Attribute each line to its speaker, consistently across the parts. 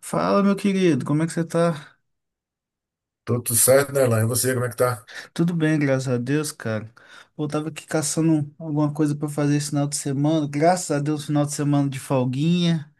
Speaker 1: Fala, meu querido, como é que você tá?
Speaker 2: Tô tudo certo, né Nerlan? E você, como é que tá?
Speaker 1: Tudo bem, graças a Deus, cara. Eu tava aqui caçando alguma coisa pra fazer esse final de semana. Graças a Deus, final de semana de folguinha,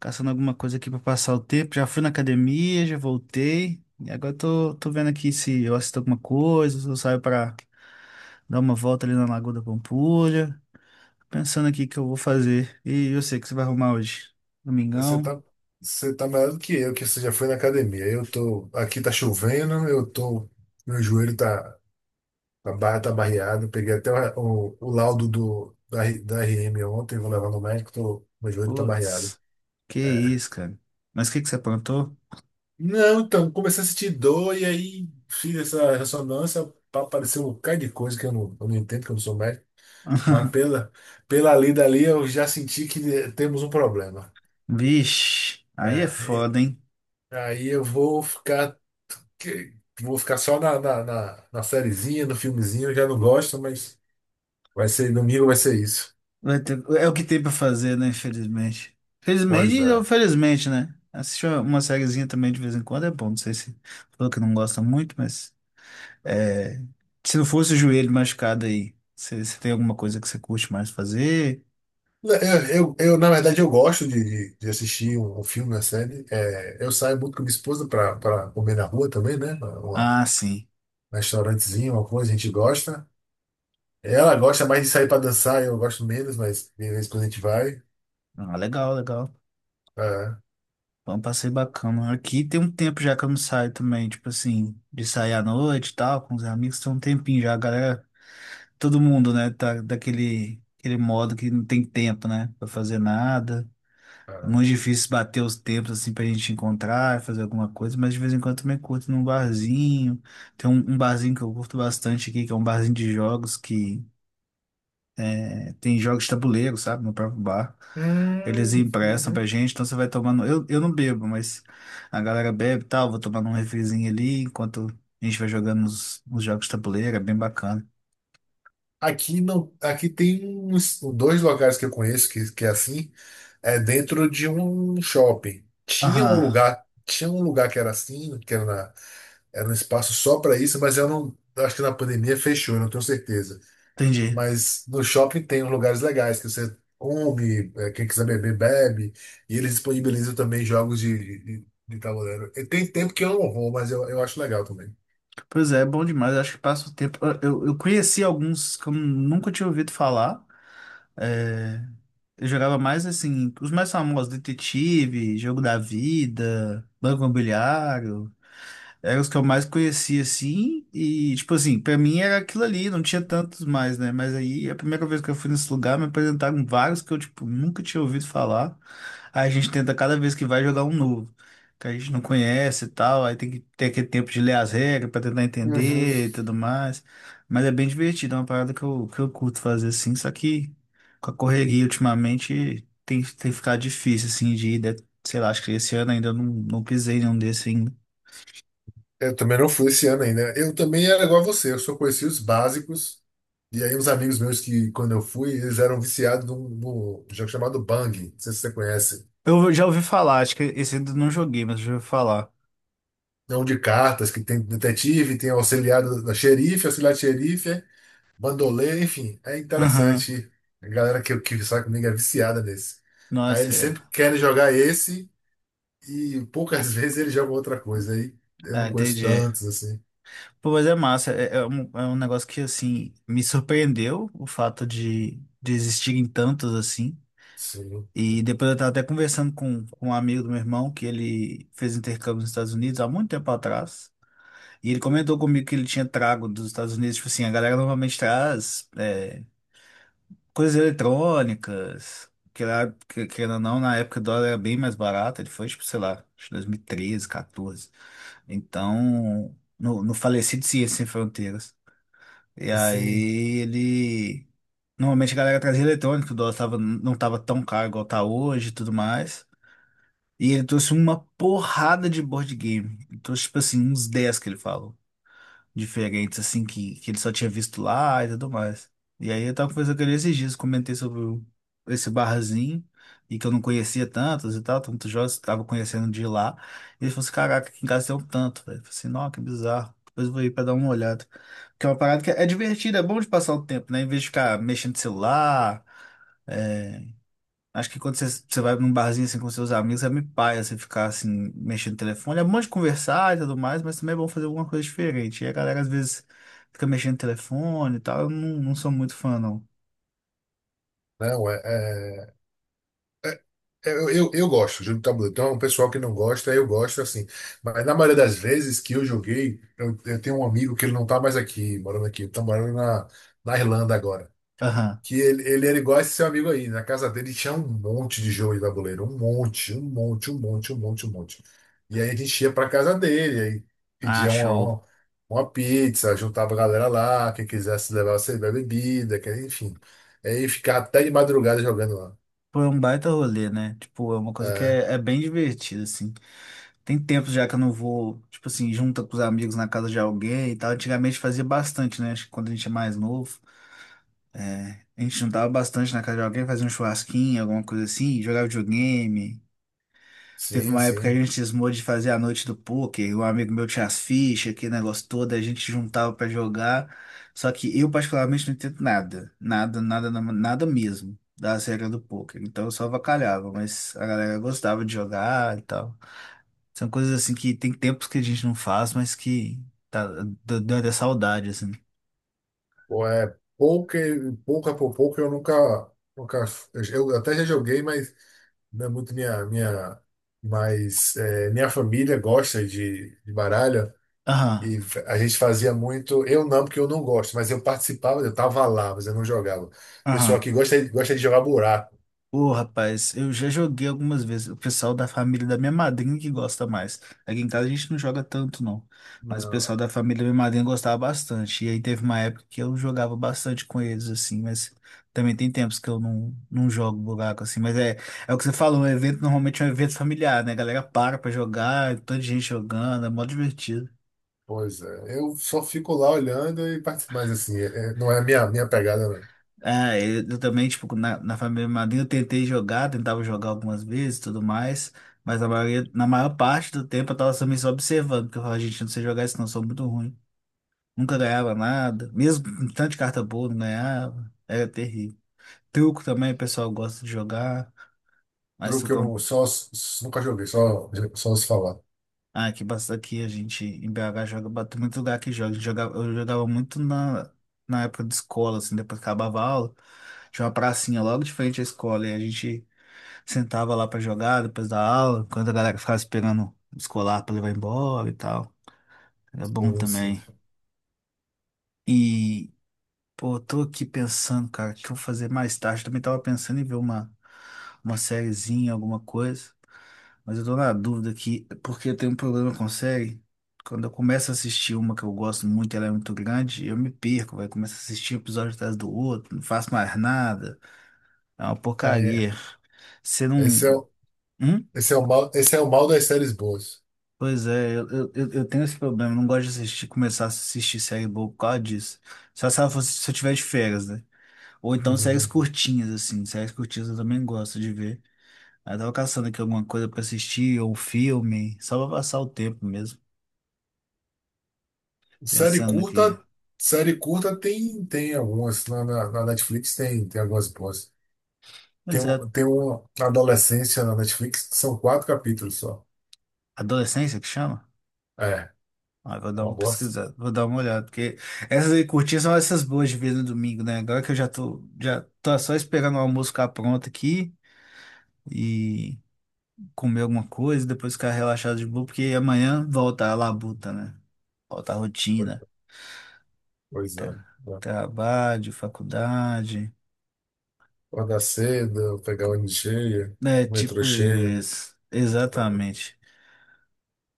Speaker 1: caçando alguma coisa aqui pra passar o tempo. Já fui na academia, já voltei. E agora tô vendo aqui se eu assisto alguma coisa, se eu saio pra dar uma volta ali na Lagoa da Pampulha. Pensando aqui o que eu vou fazer. E eu sei que você vai arrumar hoje.
Speaker 2: Você
Speaker 1: Domingão?
Speaker 2: tá, você tá melhor do que eu, que você já foi na academia. Eu tô, aqui tá chovendo, eu tô, meu joelho tá, a barra tá barreada. Eu peguei até o laudo da RM ontem, vou levar no médico, tô, meu joelho tá barreado.
Speaker 1: Putz, que isso, cara. Mas o que que você aprontou?
Speaker 2: Não, então, comecei a sentir dor e aí fiz essa ressonância pra aparecer um bocado de coisa que eu não entendo, que eu não sou médico. Mas pela lida ali, eu já senti que temos um problema.
Speaker 1: Vixe, aí é
Speaker 2: É.
Speaker 1: foda, hein?
Speaker 2: Aí eu vou ficar. que- Vou ficar só na sériezinha, no filmezinho, eu já não gosto, mas vai ser domingo, vai ser isso.
Speaker 1: É o que tem pra fazer, né? Infelizmente.
Speaker 2: Pois
Speaker 1: Felizmente ou
Speaker 2: é.
Speaker 1: felizmente, né? Assistir uma sériezinha também de vez em quando é bom. Não sei se falou que não gosta muito, mas é, se não fosse o joelho machucado aí, você tem alguma coisa que você curte mais fazer?
Speaker 2: Na verdade, eu gosto de assistir um filme, uma série. É, eu saio muito com minha esposa para comer na rua também, né?
Speaker 1: Ah, sim.
Speaker 2: Um restaurantezinho, uma coisa, a gente gosta. Ela gosta mais de sair para dançar, eu gosto menos, mas de vez em quando a gente vai.
Speaker 1: Ah, legal, legal.
Speaker 2: É,
Speaker 1: Foi um passeio bacana. Aqui tem um tempo já que eu não saio também, tipo assim, de sair à noite e tal, com os amigos. Tem um tempinho já, a galera. Todo mundo, né, tá daquele aquele modo que não tem tempo, né, para fazer nada. É
Speaker 2: é.
Speaker 1: muito difícil bater os tempos assim pra gente encontrar, fazer alguma coisa, mas de vez em quando também curto num barzinho. Tem um barzinho que eu curto bastante aqui, que é um barzinho de jogos que é, tem jogos de tabuleiro, sabe, no próprio bar. Eles emprestam pra
Speaker 2: Uhum.
Speaker 1: gente, então você vai tomando. Eu não bebo, mas a galera bebe e tal, vou tomando um refrizinho ali enquanto a gente vai jogando os jogos de tabuleiro, é bem bacana.
Speaker 2: Aqui não, aqui tem uns dois locais que eu conheço que é assim, é dentro de um shopping.
Speaker 1: Aham,
Speaker 2: Tinha um lugar que era assim, era um espaço só para isso, mas eu não, eu acho que na pandemia fechou, eu não tenho certeza.
Speaker 1: entendi.
Speaker 2: Mas no shopping tem uns lugares legais que você come, é, quem quiser beber, bebe, e eles disponibilizam também jogos de tabuleiro. E tem tempo que eu não vou, mas eu acho legal também.
Speaker 1: Pois é, é bom demais, acho que passa o tempo. Eu, eu conheci alguns que eu nunca tinha ouvido falar. É, eu jogava mais assim, os mais famosos, Detetive, Jogo da Vida, Banco Imobiliário. Eram os que eu mais conhecia, assim, e, tipo assim, pra mim era aquilo ali, não tinha tantos mais, né? Mas aí, a primeira vez que eu fui nesse lugar, me apresentaram vários que eu, tipo, nunca tinha ouvido falar. Aí a gente tenta cada vez que vai jogar um novo, que a gente não conhece e tal, aí tem que ter aquele tempo de ler as regras pra tentar
Speaker 2: Uhum.
Speaker 1: entender e tudo mais. Mas é bem divertido, é uma parada que eu curto fazer, assim, só que com a correria ultimamente tem, tem ficado difícil, assim, de ir, né? Sei lá, acho que esse ano ainda eu não, não pisei em nenhum desses ainda.
Speaker 2: Eu também não fui esse ano ainda. Eu também era igual a você, eu só conheci os básicos. E aí, uns amigos meus que, quando eu fui, eles eram viciados num jogo chamado Bang. Não sei se você conhece.
Speaker 1: Eu já ouvi falar, acho que esse ainda não joguei, mas já ouvi falar.
Speaker 2: É um de cartas que tem detetive, tem auxiliar da xerife, auxiliar de xerife, bandoleiro, enfim. É
Speaker 1: Aham.
Speaker 2: interessante. A galera que sai comigo é viciada nesse. Aí
Speaker 1: Nossa,
Speaker 2: eles
Speaker 1: é.
Speaker 2: sempre querem jogar esse e poucas vezes eles jogam outra coisa. Aí eu
Speaker 1: Ah,
Speaker 2: não conheço
Speaker 1: entendi.
Speaker 2: tantos, assim.
Speaker 1: Pô, mas é massa. É, é um negócio que, assim, me surpreendeu o fato de existirem tantos, assim.
Speaker 2: Sim.
Speaker 1: E depois eu tava até conversando com um amigo do meu irmão, que ele fez intercâmbio nos Estados Unidos há muito tempo atrás. E ele comentou comigo que ele tinha trago dos Estados Unidos, tipo assim, a galera normalmente traz. É, coisas eletrônicas, que lá, querendo ou não, na época o dólar era bem mais barato, ele foi, tipo, sei lá, acho que 2013, 14. Então, no, no falecido Ciência Sem Fronteiras. E
Speaker 2: Sim.
Speaker 1: aí ele. Normalmente a galera trazia eletrônico, o dólar tava, não tava tão caro igual tá hoje e tudo mais. E ele trouxe uma porrada de board game. Ele trouxe, tipo assim, uns 10 que ele fala diferentes, assim, que ele só tinha visto lá e tudo mais. E aí eu tava conversando com ele esses dias, comentei esse barzinho, e que eu não conhecia tantos e tal, tantos jogos, tava conhecendo de lá. E ele falou assim, caraca, aqui em casa tem um tanto, velho. Eu falei assim, nossa, que bizarro. Depois eu vou ir pra dar uma olhada. Que é uma parada que é divertida, é bom de passar o tempo, né? Em vez de ficar mexendo no celular, é, acho que quando você vai num barzinho assim com seus amigos, é meio paia você ficar assim, mexendo no telefone. É bom de conversar e tudo mais, mas também é bom fazer alguma coisa diferente. E a galera às vezes fica mexendo no telefone e tal. Eu não, não sou muito fã, não.
Speaker 2: Não, é, é. É, é, eu gosto de jogo de tabuleiro. Então, o pessoal que não gosta, eu gosto assim. Mas na maioria das vezes que eu joguei, eu tenho um amigo que ele não tá mais aqui, morando aqui, ele tá morando na Irlanda agora.
Speaker 1: Aham.
Speaker 2: Ele era igual esse seu amigo aí. Na casa dele tinha um monte de jogo de tabuleiro, um monte, um monte, um monte, um monte, um monte. E aí a gente ia pra casa dele, aí
Speaker 1: Ah,
Speaker 2: pedia
Speaker 1: show.
Speaker 2: uma pizza, juntava a galera lá, quem quisesse levar você bebida, que, enfim. Aí ficar até de madrugada jogando lá.
Speaker 1: Pô, é um baita rolê, né? Tipo, é uma coisa que
Speaker 2: É,
Speaker 1: é, é bem divertida, assim. Tem tempo já que eu não vou, tipo assim, junta com os amigos na casa de alguém e tal. Antigamente fazia bastante, né? Acho que quando a gente é mais novo. A gente juntava bastante na casa de alguém, fazia um churrasquinho, alguma coisa assim, jogava videogame. Teve
Speaker 2: sim,
Speaker 1: uma época que
Speaker 2: sim.
Speaker 1: a gente cismou de fazer a noite do poker, um amigo meu tinha as fichas, aquele negócio todo, a gente juntava pra jogar. Só que eu particularmente não entendo nada, nada, nada, nada mesmo das regras do poker. Então eu só avacalhava, mas a galera gostava de jogar e tal. São coisas assim que tem tempos que a gente não faz, mas que tá, deu até saudade assim.
Speaker 2: Pô, é pouca, pouca por pouco eu nunca eu até já joguei, mas não é muito minha, mas é, minha família gosta de baralho
Speaker 1: Aham,
Speaker 2: e a gente fazia muito, eu não, porque eu não gosto, mas eu participava, eu tava lá, mas eu não jogava. O pessoal
Speaker 1: aham.
Speaker 2: que gosta, gosta de jogar buraco.
Speaker 1: Ô, rapaz, eu já joguei algumas vezes. O pessoal da família da minha madrinha que gosta mais. Aqui em casa a gente não joga tanto, não. Mas o
Speaker 2: Não,
Speaker 1: pessoal da família da minha madrinha gostava bastante. E aí teve uma época que eu jogava bastante com eles, assim. Mas também tem tempos que eu não, não jogo buraco, assim. Mas é, é o que você falou, um evento normalmente é um evento familiar, né? A galera para pra jogar, toda gente jogando, é mó divertido.
Speaker 2: pois é, eu só fico lá olhando e participo, mas assim, é, não é a minha pegada, não.
Speaker 1: É eu também, tipo, na, na família Madrinha eu tentei jogar, tentava jogar algumas vezes e tudo mais, mas na maioria, na maior parte do tempo eu tava também só observando, porque eu falava, gente, eu não sei jogar isso não, eu sou muito ruim. Nunca ganhava nada, mesmo com tanto de carta boa, não ganhava, era terrível. Truco também, o pessoal gosta de jogar, mas
Speaker 2: Truque eu não nunca joguei, só, só se falar.
Speaker 1: ah, aqui, aqui a gente, em BH, joga, bate muito lugar que joga, a gente jogava, eu jogava muito na, na época de escola, assim, depois que acabava a aula, tinha uma pracinha logo de frente à escola, e a gente sentava lá pra jogar depois da aula, enquanto a galera ficava esperando o escolar pra levar embora e tal. Era
Speaker 2: Eu
Speaker 1: bom
Speaker 2: não sei.
Speaker 1: também. E, pô, eu tô aqui pensando, cara, o que eu vou fazer mais tarde. Também tava pensando em ver uma sériezinha, alguma coisa. Mas eu tô na dúvida aqui, porque eu tenho um problema com série. Quando eu começo a assistir uma que eu gosto muito, ela é muito grande, eu me perco, vai. Começo a assistir um episódio atrás do outro, não faço mais nada. É uma
Speaker 2: Aí,
Speaker 1: porcaria. Você não.
Speaker 2: Esse é, o-
Speaker 1: Hum?
Speaker 2: esse é o mal, esse é o mal das séries boas.
Speaker 1: Pois é, eu, eu tenho esse problema, eu não gosto de assistir, começar a assistir série boa por causa disso. Só se ela fosse, se eu tiver de férias, né? Ou então séries
Speaker 2: Uhum.
Speaker 1: curtinhas, assim, séries curtinhas eu também gosto de ver. Aí eu tava caçando aqui alguma coisa pra assistir, ou um filme, só pra passar o tempo mesmo,
Speaker 2: Série
Speaker 1: pensando aqui.
Speaker 2: curta, série curta tem, tem algumas. Na Netflix tem, tem algumas boas. Tem,
Speaker 1: Pois é,
Speaker 2: tem uma Adolescência na Netflix, que são quatro capítulos só.
Speaker 1: adolescência que chama?
Speaker 2: É,
Speaker 1: Ah, vou
Speaker 2: é
Speaker 1: dar
Speaker 2: uma
Speaker 1: uma
Speaker 2: boa.
Speaker 1: pesquisada, vou dar uma olhada, porque essas aí curtinhas são essas boas de ver no domingo, né? Agora que eu já tô só esperando o almoço ficar pronto aqui e. Comer alguma coisa, depois ficar relaxado de boa, porque amanhã volta a labuta, né? Volta a rotina.
Speaker 2: Pois
Speaker 1: Tra-
Speaker 2: é. Tá.
Speaker 1: Trabalho, faculdade.
Speaker 2: Acordar cedo, pegar o ônibus cheio,
Speaker 1: É,
Speaker 2: o metrô
Speaker 1: tipo
Speaker 2: cheio.
Speaker 1: isso. Exatamente.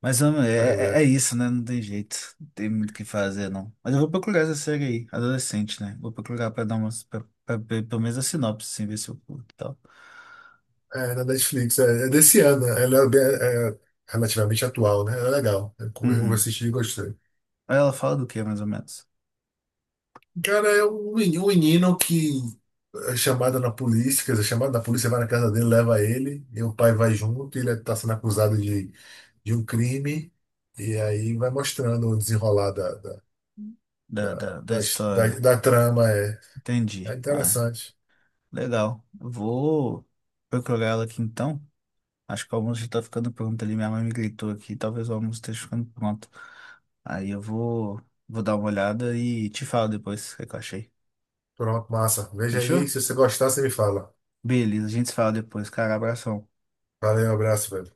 Speaker 1: Mas homem,
Speaker 2: Aí,
Speaker 1: é, é
Speaker 2: né?
Speaker 1: isso, né? Não tem jeito. Não tem muito o que fazer, não. Mas eu vou procurar essa série aí, adolescente, né? Vou procurar pra dar umas. Pra ver pelo menos a sinopse, assim, ver se eu curto e tal.
Speaker 2: É, na Netflix, é, é desse ano. Ela é, é é relativamente atual, né? É legal. Eu
Speaker 1: Uhum.
Speaker 2: assisti e gostei.
Speaker 1: Ela fala do que, mais ou menos?
Speaker 2: Cara, é um um menino que é chamado na polícia, quer dizer, chamado na polícia, vai na casa dele, leva ele, e o pai vai junto, e ele está sendo acusado de um crime, e aí vai mostrando o desenrolar
Speaker 1: Da, da, da história.
Speaker 2: da trama. É, é
Speaker 1: Entendi. Ah,
Speaker 2: interessante.
Speaker 1: legal. Eu vou procurar ela aqui então. Acho que o almoço já tá ficando pronto ali. Minha mãe me gritou aqui. Talvez o almoço esteja ficando pronto. Aí eu vou, vou dar uma olhada e te falo depois o que é que eu achei.
Speaker 2: Pronto, massa. Veja
Speaker 1: Fechou?
Speaker 2: aí, se você gostar, você me fala.
Speaker 1: Beleza, a gente se fala depois, cara. Abração.
Speaker 2: Valeu, abraço, velho.